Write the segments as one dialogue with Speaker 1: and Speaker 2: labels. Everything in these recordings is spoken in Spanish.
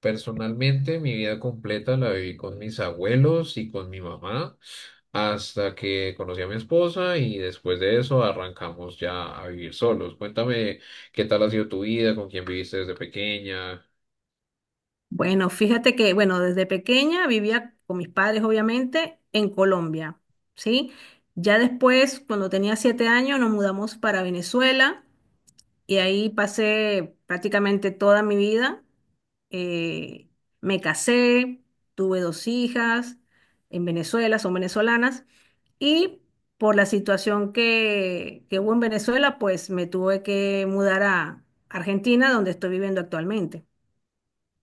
Speaker 1: Personalmente, mi vida completa la viví con mis abuelos y con mi mamá hasta que conocí a mi esposa y después de eso arrancamos ya a vivir solos. Cuéntame qué tal ha sido tu vida, con quién viviste desde pequeña.
Speaker 2: Bueno, fíjate que, bueno, desde pequeña vivía con mis padres, obviamente, en Colombia, ¿sí? Ya después, cuando tenía 7 años, nos mudamos para Venezuela y ahí pasé prácticamente toda mi vida. Eh, Me casé, tuve dos hijas en Venezuela, son venezolanas, y por la situación que hubo en Venezuela, pues me tuve que mudar a Argentina, donde estoy viviendo actualmente.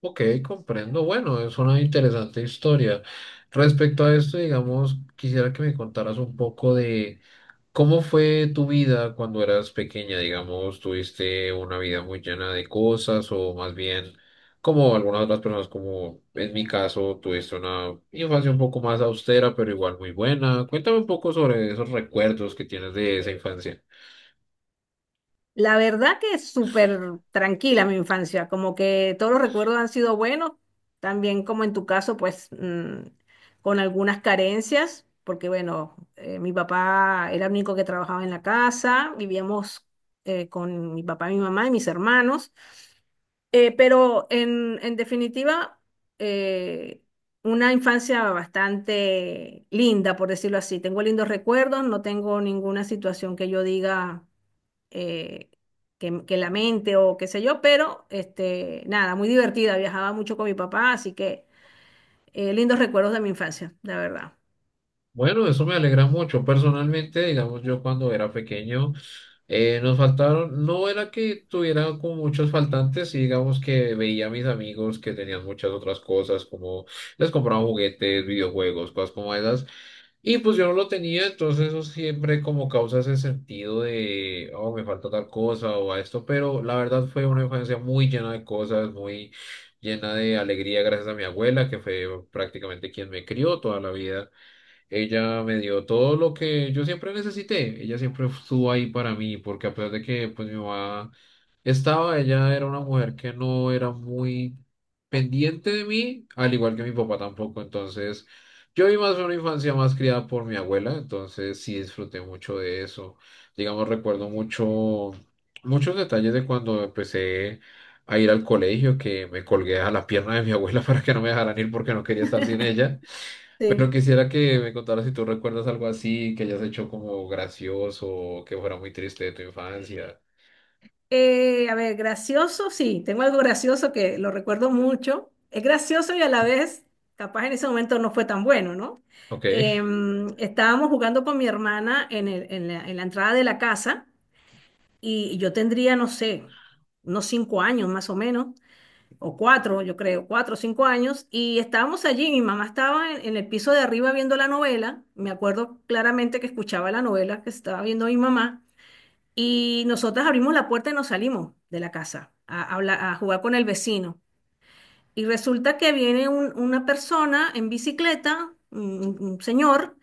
Speaker 1: Ok, comprendo. Bueno, es una interesante historia. Respecto a esto, digamos, quisiera que me contaras un poco de ¿cómo fue tu vida cuando eras pequeña? Digamos, ¿tuviste una vida muy llena de cosas o más bien, como algunas otras personas, como en mi caso, tuviste una infancia un poco más austera, pero igual muy buena? Cuéntame un poco sobre esos recuerdos que tienes de esa infancia.
Speaker 2: La verdad que es súper tranquila mi infancia, como que todos los recuerdos han sido buenos, también como en tu caso, pues con algunas carencias, porque bueno, mi papá era el único que trabajaba en la casa, vivíamos con mi papá, mi mamá y mis hermanos, pero en definitiva, eh, una infancia bastante linda, por decirlo así. Tengo lindos recuerdos, no tengo ninguna situación que yo diga eh, que la mente o qué sé yo, pero este, nada, muy divertida, viajaba mucho con mi papá, así que lindos recuerdos de mi infancia, la verdad.
Speaker 1: Bueno, eso me alegra mucho. Personalmente, digamos, yo cuando era pequeño, nos faltaron, no era que tuviera como muchos faltantes, sí, digamos que veía a mis amigos que tenían muchas otras cosas, como les compraban juguetes, videojuegos, cosas como esas, y pues yo no lo tenía, entonces eso siempre como causa ese sentido de, oh, me falta tal cosa o a esto, pero la verdad fue una infancia muy llena de cosas, muy llena de alegría gracias a mi abuela, que fue prácticamente quien me crió toda la vida. Ella me dio todo lo que yo siempre necesité. Ella siempre estuvo ahí para mí, porque a pesar de que pues mi mamá estaba, ella era una mujer que no era muy pendiente de mí, al igual que mi papá tampoco. Entonces, yo vi más una infancia más criada por mi abuela, entonces sí disfruté mucho de eso. Digamos, recuerdo mucho, muchos detalles de cuando empecé a ir al colegio, que me colgué a la pierna de mi abuela para que no me dejaran ir porque no quería estar sin ella. Pero
Speaker 2: Sí.
Speaker 1: quisiera que me contaras si tú recuerdas algo así, que hayas hecho como gracioso, que fuera muy triste de tu infancia.
Speaker 2: A ver, gracioso, sí, tengo algo gracioso que lo recuerdo mucho. Es gracioso y a la vez, capaz en ese momento no fue tan bueno, ¿no?
Speaker 1: Ok,
Speaker 2: Estábamos jugando con mi hermana en la entrada de la casa y yo tendría, no sé, unos 5 años más o menos. O cuatro, yo creo, 4 o 5 años, y estábamos allí, mi mamá estaba en el piso de arriba viendo la novela, me acuerdo claramente que escuchaba la novela que estaba viendo mi mamá, y nosotras abrimos la puerta y nos salimos de la casa a jugar con el vecino. Y resulta que viene una persona en bicicleta, un señor,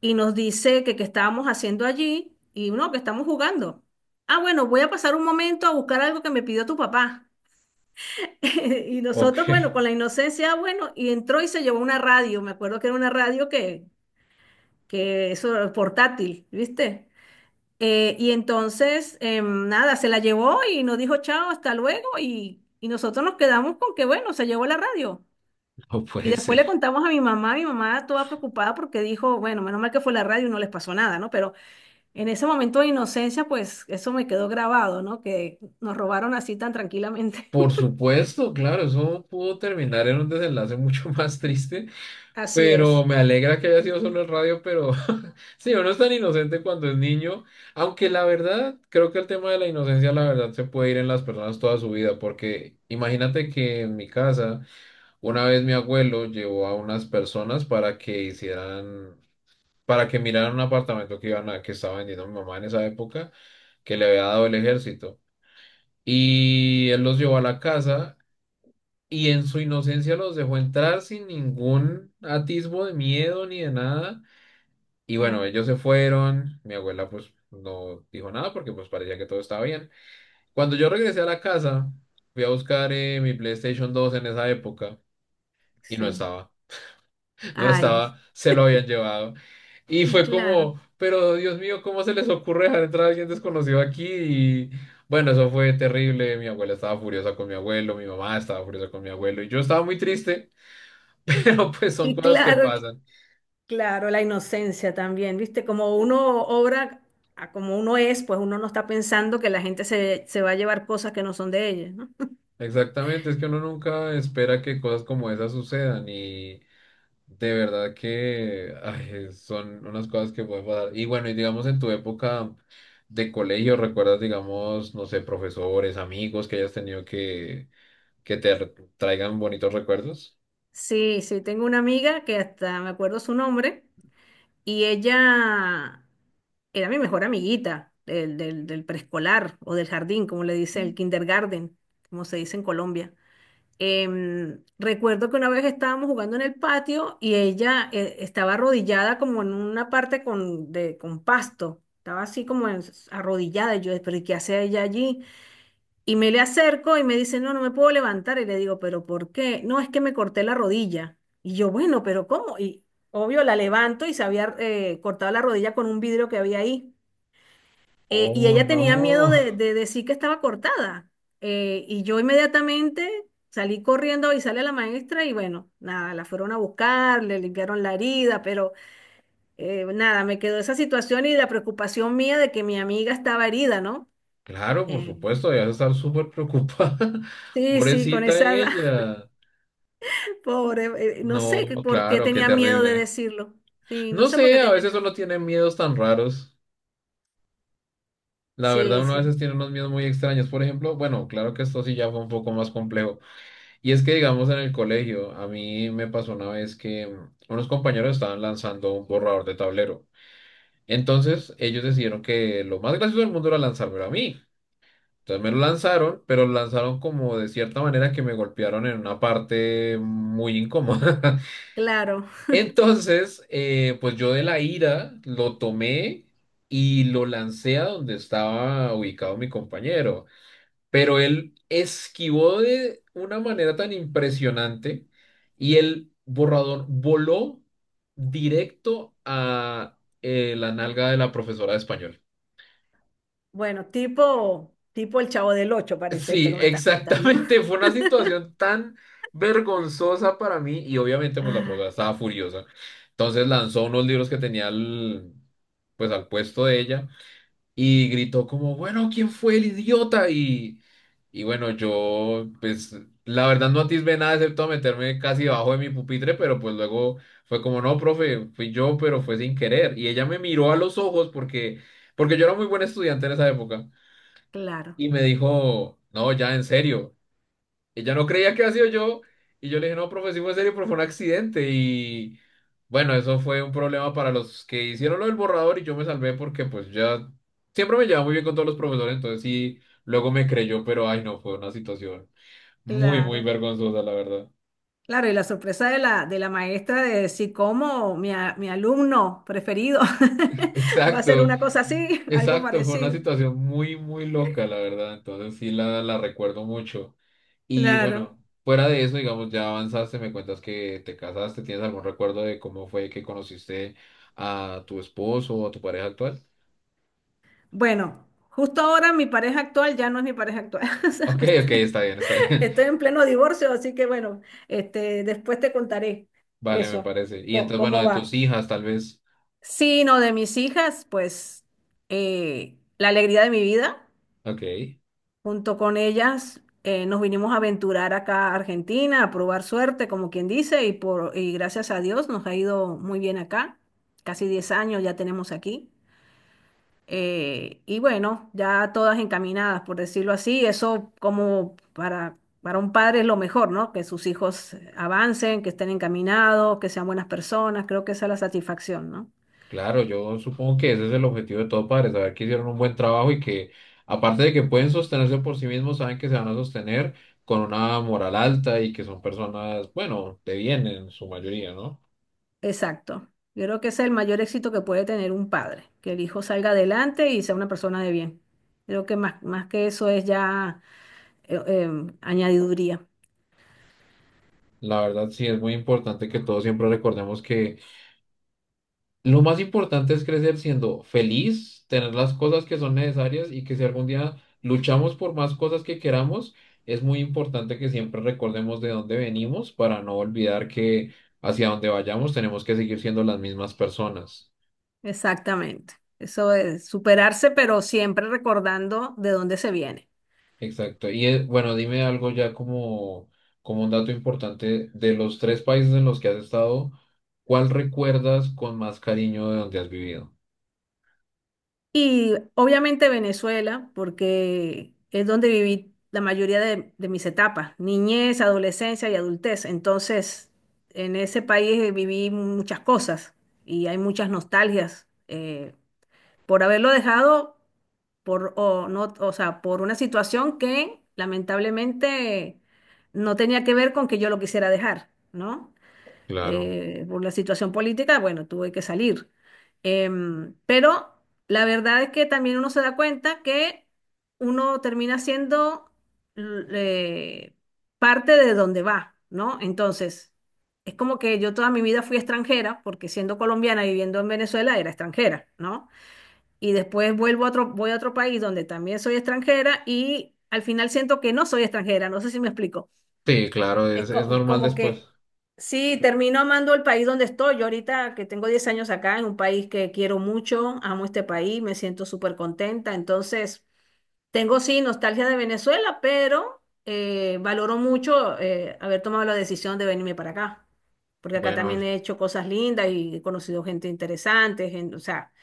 Speaker 2: y nos dice que qué estábamos haciendo allí, y no, que estamos jugando. Ah, bueno, voy a pasar un momento a buscar algo que me pidió tu papá. Y
Speaker 1: ok,
Speaker 2: nosotros, bueno, con la inocencia, bueno, y entró y se llevó una radio, me acuerdo que era una radio que eso era portátil, ¿viste? Y entonces, nada, se la llevó y nos dijo chao, hasta luego, y nosotros nos quedamos con que, bueno, se llevó la radio.
Speaker 1: no
Speaker 2: Y
Speaker 1: puede
Speaker 2: después
Speaker 1: ser.
Speaker 2: le contamos a mi mamá toda preocupada porque dijo, bueno, menos mal que fue la radio y no les pasó nada, ¿no? Pero en ese momento de inocencia, pues eso me quedó grabado, ¿no? Que nos robaron así tan tranquilamente.
Speaker 1: Por supuesto, claro, eso pudo terminar en un desenlace mucho más triste,
Speaker 2: Así
Speaker 1: pero
Speaker 2: es.
Speaker 1: me alegra que haya sido solo el radio, pero sí, uno es tan inocente cuando es niño, aunque la verdad, creo que el tema de la inocencia, la verdad, se puede ir en las personas toda su vida, porque imagínate que en mi casa... Una vez mi abuelo llevó a unas personas para que hicieran, para que miraran un apartamento que iban a, que estaba vendiendo mi mamá en esa época, que le había dado el ejército. Y él los llevó a la casa y en su inocencia los dejó entrar sin ningún atisbo de miedo ni de nada. Y bueno,
Speaker 2: Mm,
Speaker 1: ellos se fueron. Mi abuela pues no dijo nada porque pues parecía que todo estaba bien. Cuando yo regresé a la casa, fui a buscar mi PlayStation 2 en esa época y no
Speaker 2: sí.
Speaker 1: estaba. No
Speaker 2: Ay,
Speaker 1: estaba, se lo habían llevado. Y
Speaker 2: y
Speaker 1: fue
Speaker 2: claro,
Speaker 1: como, pero Dios mío, ¿cómo se les ocurre dejar entrar a alguien desconocido aquí? Y bueno, eso fue terrible. Mi abuela estaba furiosa con mi abuelo, mi mamá estaba furiosa con mi abuelo y yo estaba muy triste, pero pues son
Speaker 2: y
Speaker 1: cosas que
Speaker 2: claro,
Speaker 1: pasan.
Speaker 2: claro, la inocencia también, ¿viste? Como uno obra a como uno es, pues uno no está pensando que la gente se va a llevar cosas que no son de ella, ¿no?
Speaker 1: Exactamente, es que uno nunca espera que cosas como esas sucedan y de verdad que ay, son unas cosas que pueden pasar. Y bueno, y digamos en tu época de colegio, ¿recuerdas, digamos, no sé, profesores, amigos que hayas tenido que traigan bonitos recuerdos?
Speaker 2: Sí, sí, tengo una amiga que hasta me acuerdo su nombre y ella era mi mejor amiguita del preescolar o del jardín, como le dice el kindergarten, como se dice en Colombia. Recuerdo que una vez estábamos jugando en el patio y ella estaba arrodillada como en una parte con pasto. Estaba así arrodillada. Y yo, pero ¿y qué hace ella allí? Y me le acerco y me dice, no, no me puedo levantar. Y le digo, pero ¿por qué? No, es que me corté la rodilla. Y yo, bueno, pero ¿cómo? Y obvio, la levanto y se había cortado la rodilla con un vidrio que había ahí. Y
Speaker 1: Oh,
Speaker 2: ella tenía miedo
Speaker 1: no.
Speaker 2: de decir que estaba cortada. Y yo inmediatamente salí corriendo a avisarle a la maestra y bueno, nada, la fueron a buscar, le limpiaron la herida, pero nada, me quedó esa situación y la preocupación mía de que mi amiga estaba herida, ¿no?
Speaker 1: Claro, por
Speaker 2: Eh,
Speaker 1: supuesto, debes estar súper preocupada.
Speaker 2: sí, sí, con
Speaker 1: Pobrecita
Speaker 2: esa edad,
Speaker 1: ella.
Speaker 2: pobre, no
Speaker 1: No,
Speaker 2: sé por qué
Speaker 1: claro, qué
Speaker 2: tenía miedo de
Speaker 1: terrible.
Speaker 2: decirlo. Sí, no
Speaker 1: No
Speaker 2: sé por
Speaker 1: sé,
Speaker 2: qué
Speaker 1: a
Speaker 2: tenía
Speaker 1: veces
Speaker 2: miedo.
Speaker 1: uno tiene miedos tan raros. La verdad,
Speaker 2: Sí,
Speaker 1: uno a
Speaker 2: sí,
Speaker 1: veces tiene unos miedos muy extraños. Por ejemplo, bueno, claro que esto sí ya fue un poco más complejo. Y es que, digamos, en el colegio, a mí me pasó una vez que unos compañeros estaban lanzando un borrador de tablero. Entonces, ellos decidieron que lo más gracioso del mundo era lanzármelo a mí. Entonces me lo lanzaron, pero lo lanzaron como de cierta manera que me golpearon en una parte muy incómoda.
Speaker 2: claro.
Speaker 1: Entonces, pues yo de la ira lo tomé y lo lancé a donde estaba ubicado mi compañero, pero él esquivó de una manera tan impresionante y el borrador voló directo a la nalga de la profesora de español.
Speaker 2: Bueno, tipo el Chavo del Ocho parece esto
Speaker 1: Sí,
Speaker 2: que me estás contando.
Speaker 1: exactamente. Fue una situación tan vergonzosa para mí y obviamente pues la profesora
Speaker 2: Ah,
Speaker 1: estaba furiosa. Entonces lanzó unos libros que tenía al, pues al puesto de ella y gritó como, bueno, ¿quién fue el idiota? Y bueno, yo pues la verdad no atisbé nada excepto a meterme casi debajo de mi pupitre, pero pues luego fue como, no, profe, fui yo, pero fue sin querer. Y ella me miró a los ojos porque, porque yo era muy buen estudiante en esa época.
Speaker 2: claro.
Speaker 1: Y me dijo, no, ya en serio. Ella no creía que había sido yo y yo le dije, no, profe, sí fue en serio, pero fue un accidente y bueno, eso fue un problema para los que hicieron lo del borrador y yo me salvé porque pues ya siempre me llevaba muy bien con todos los profesores, entonces sí, luego me creyó, pero ay no, fue una situación muy, muy
Speaker 2: Claro,
Speaker 1: vergonzosa, la verdad.
Speaker 2: claro, y la sorpresa de la maestra de decir cómo mi alumno preferido va a ser
Speaker 1: Exacto,
Speaker 2: una cosa así, algo
Speaker 1: exacto, fue una
Speaker 2: parecido.
Speaker 1: situación muy, muy loca, la verdad, entonces sí la recuerdo mucho. Y
Speaker 2: Claro.
Speaker 1: bueno, fuera de eso, digamos, ya avanzaste, me cuentas que te casaste, ¿tienes algún recuerdo de cómo fue que conociste a tu esposo o a tu pareja actual?
Speaker 2: Bueno, justo ahora mi pareja actual ya no es mi pareja actual. O sea,
Speaker 1: Ok, ok,
Speaker 2: este,
Speaker 1: está bien, está bien.
Speaker 2: Estoy en pleno divorcio, así que bueno, este, después te contaré
Speaker 1: Vale, me
Speaker 2: eso,
Speaker 1: parece. Y entonces, bueno,
Speaker 2: cómo
Speaker 1: de
Speaker 2: va.
Speaker 1: tus hijas, tal vez.
Speaker 2: Sí, no, de mis hijas, pues la alegría de mi vida.
Speaker 1: Ok,
Speaker 2: Junto con ellas nos vinimos a aventurar acá a Argentina, a probar suerte, como quien dice, y gracias a Dios nos ha ido muy bien acá. Casi 10 años ya tenemos aquí. Y bueno, ya todas encaminadas, por decirlo así. Eso como para un padre es lo mejor, ¿no? Que sus hijos avancen, que estén encaminados, que sean buenas personas. Creo que esa es la satisfacción, ¿no?
Speaker 1: claro, yo supongo que ese es el objetivo de todo padre, saber que hicieron un buen trabajo y que, aparte de que pueden sostenerse por sí mismos, saben que se van a sostener con una moral alta y que son personas, bueno, de bien en su mayoría, ¿no?
Speaker 2: Exacto. Yo creo que ese es el mayor éxito que puede tener un padre, que el hijo salga adelante y sea una persona de bien. Creo que más, más que eso es ya añadiduría.
Speaker 1: La verdad sí es muy importante que todos siempre recordemos que lo más importante es crecer siendo feliz, tener las cosas que son necesarias y que si algún día luchamos por más cosas que queramos, es muy importante que siempre recordemos de dónde venimos para no olvidar que hacia donde vayamos tenemos que seguir siendo las mismas personas.
Speaker 2: Exactamente. Eso es superarse, pero siempre recordando de dónde se viene.
Speaker 1: Exacto. Y bueno, dime algo ya como, como un dato importante de los 3 países en los que has estado, ¿cuál recuerdas con más cariño de donde has vivido?
Speaker 2: Y obviamente Venezuela, porque es donde viví la mayoría de mis etapas, niñez, adolescencia y adultez. Entonces, en ese país viví muchas cosas y hay muchas nostalgias. Por haberlo dejado por, o no, o sea, por una situación que lamentablemente no tenía que ver con que yo lo quisiera dejar, ¿no?
Speaker 1: Claro.
Speaker 2: Por la situación política, bueno, tuve que salir. Pero la verdad es que también uno se da cuenta que uno termina siendo l- eh, parte de donde va, ¿no? Entonces, es como que yo toda mi vida fui extranjera, porque siendo colombiana y viviendo en Venezuela era extranjera, ¿no? Y después vuelvo a otro, voy a otro país donde también soy extranjera y al final siento que no soy extranjera, no sé si me explico.
Speaker 1: Sí, claro,
Speaker 2: Es
Speaker 1: es normal
Speaker 2: como
Speaker 1: después.
Speaker 2: que sí, termino amando el país donde estoy. Yo ahorita que tengo 10 años acá, en un país que quiero mucho, amo este país, me siento súper contenta. Entonces, tengo sí nostalgia de Venezuela, pero valoro mucho haber tomado la decisión de venirme para acá. Porque acá
Speaker 1: Bueno,
Speaker 2: también he hecho cosas lindas y he conocido gente interesante, o sea,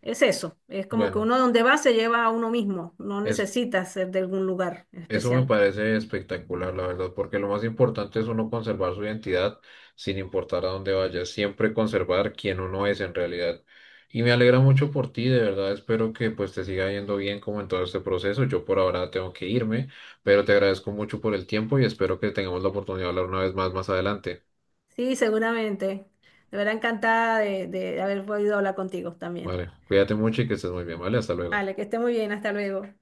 Speaker 2: es eso, es como que
Speaker 1: bueno.
Speaker 2: uno donde va se lleva a uno mismo, no
Speaker 1: Es,
Speaker 2: necesita ser de algún lugar en
Speaker 1: eso me
Speaker 2: especial.
Speaker 1: parece espectacular, la verdad, porque lo más importante es uno conservar su identidad sin importar a dónde vaya, siempre conservar quién uno es en realidad. Y me alegra mucho por ti, de verdad, espero que pues te siga yendo bien como en todo este proceso. Yo por ahora tengo que irme, pero te agradezco mucho por el tiempo y espero que tengamos la oportunidad de hablar una vez más más adelante.
Speaker 2: Sí, seguramente. De verdad encantada de haber podido hablar contigo también.
Speaker 1: Vale, cuídate mucho y que estés muy bien, ¿vale? Hasta luego.
Speaker 2: Vale, que esté muy bien, hasta luego.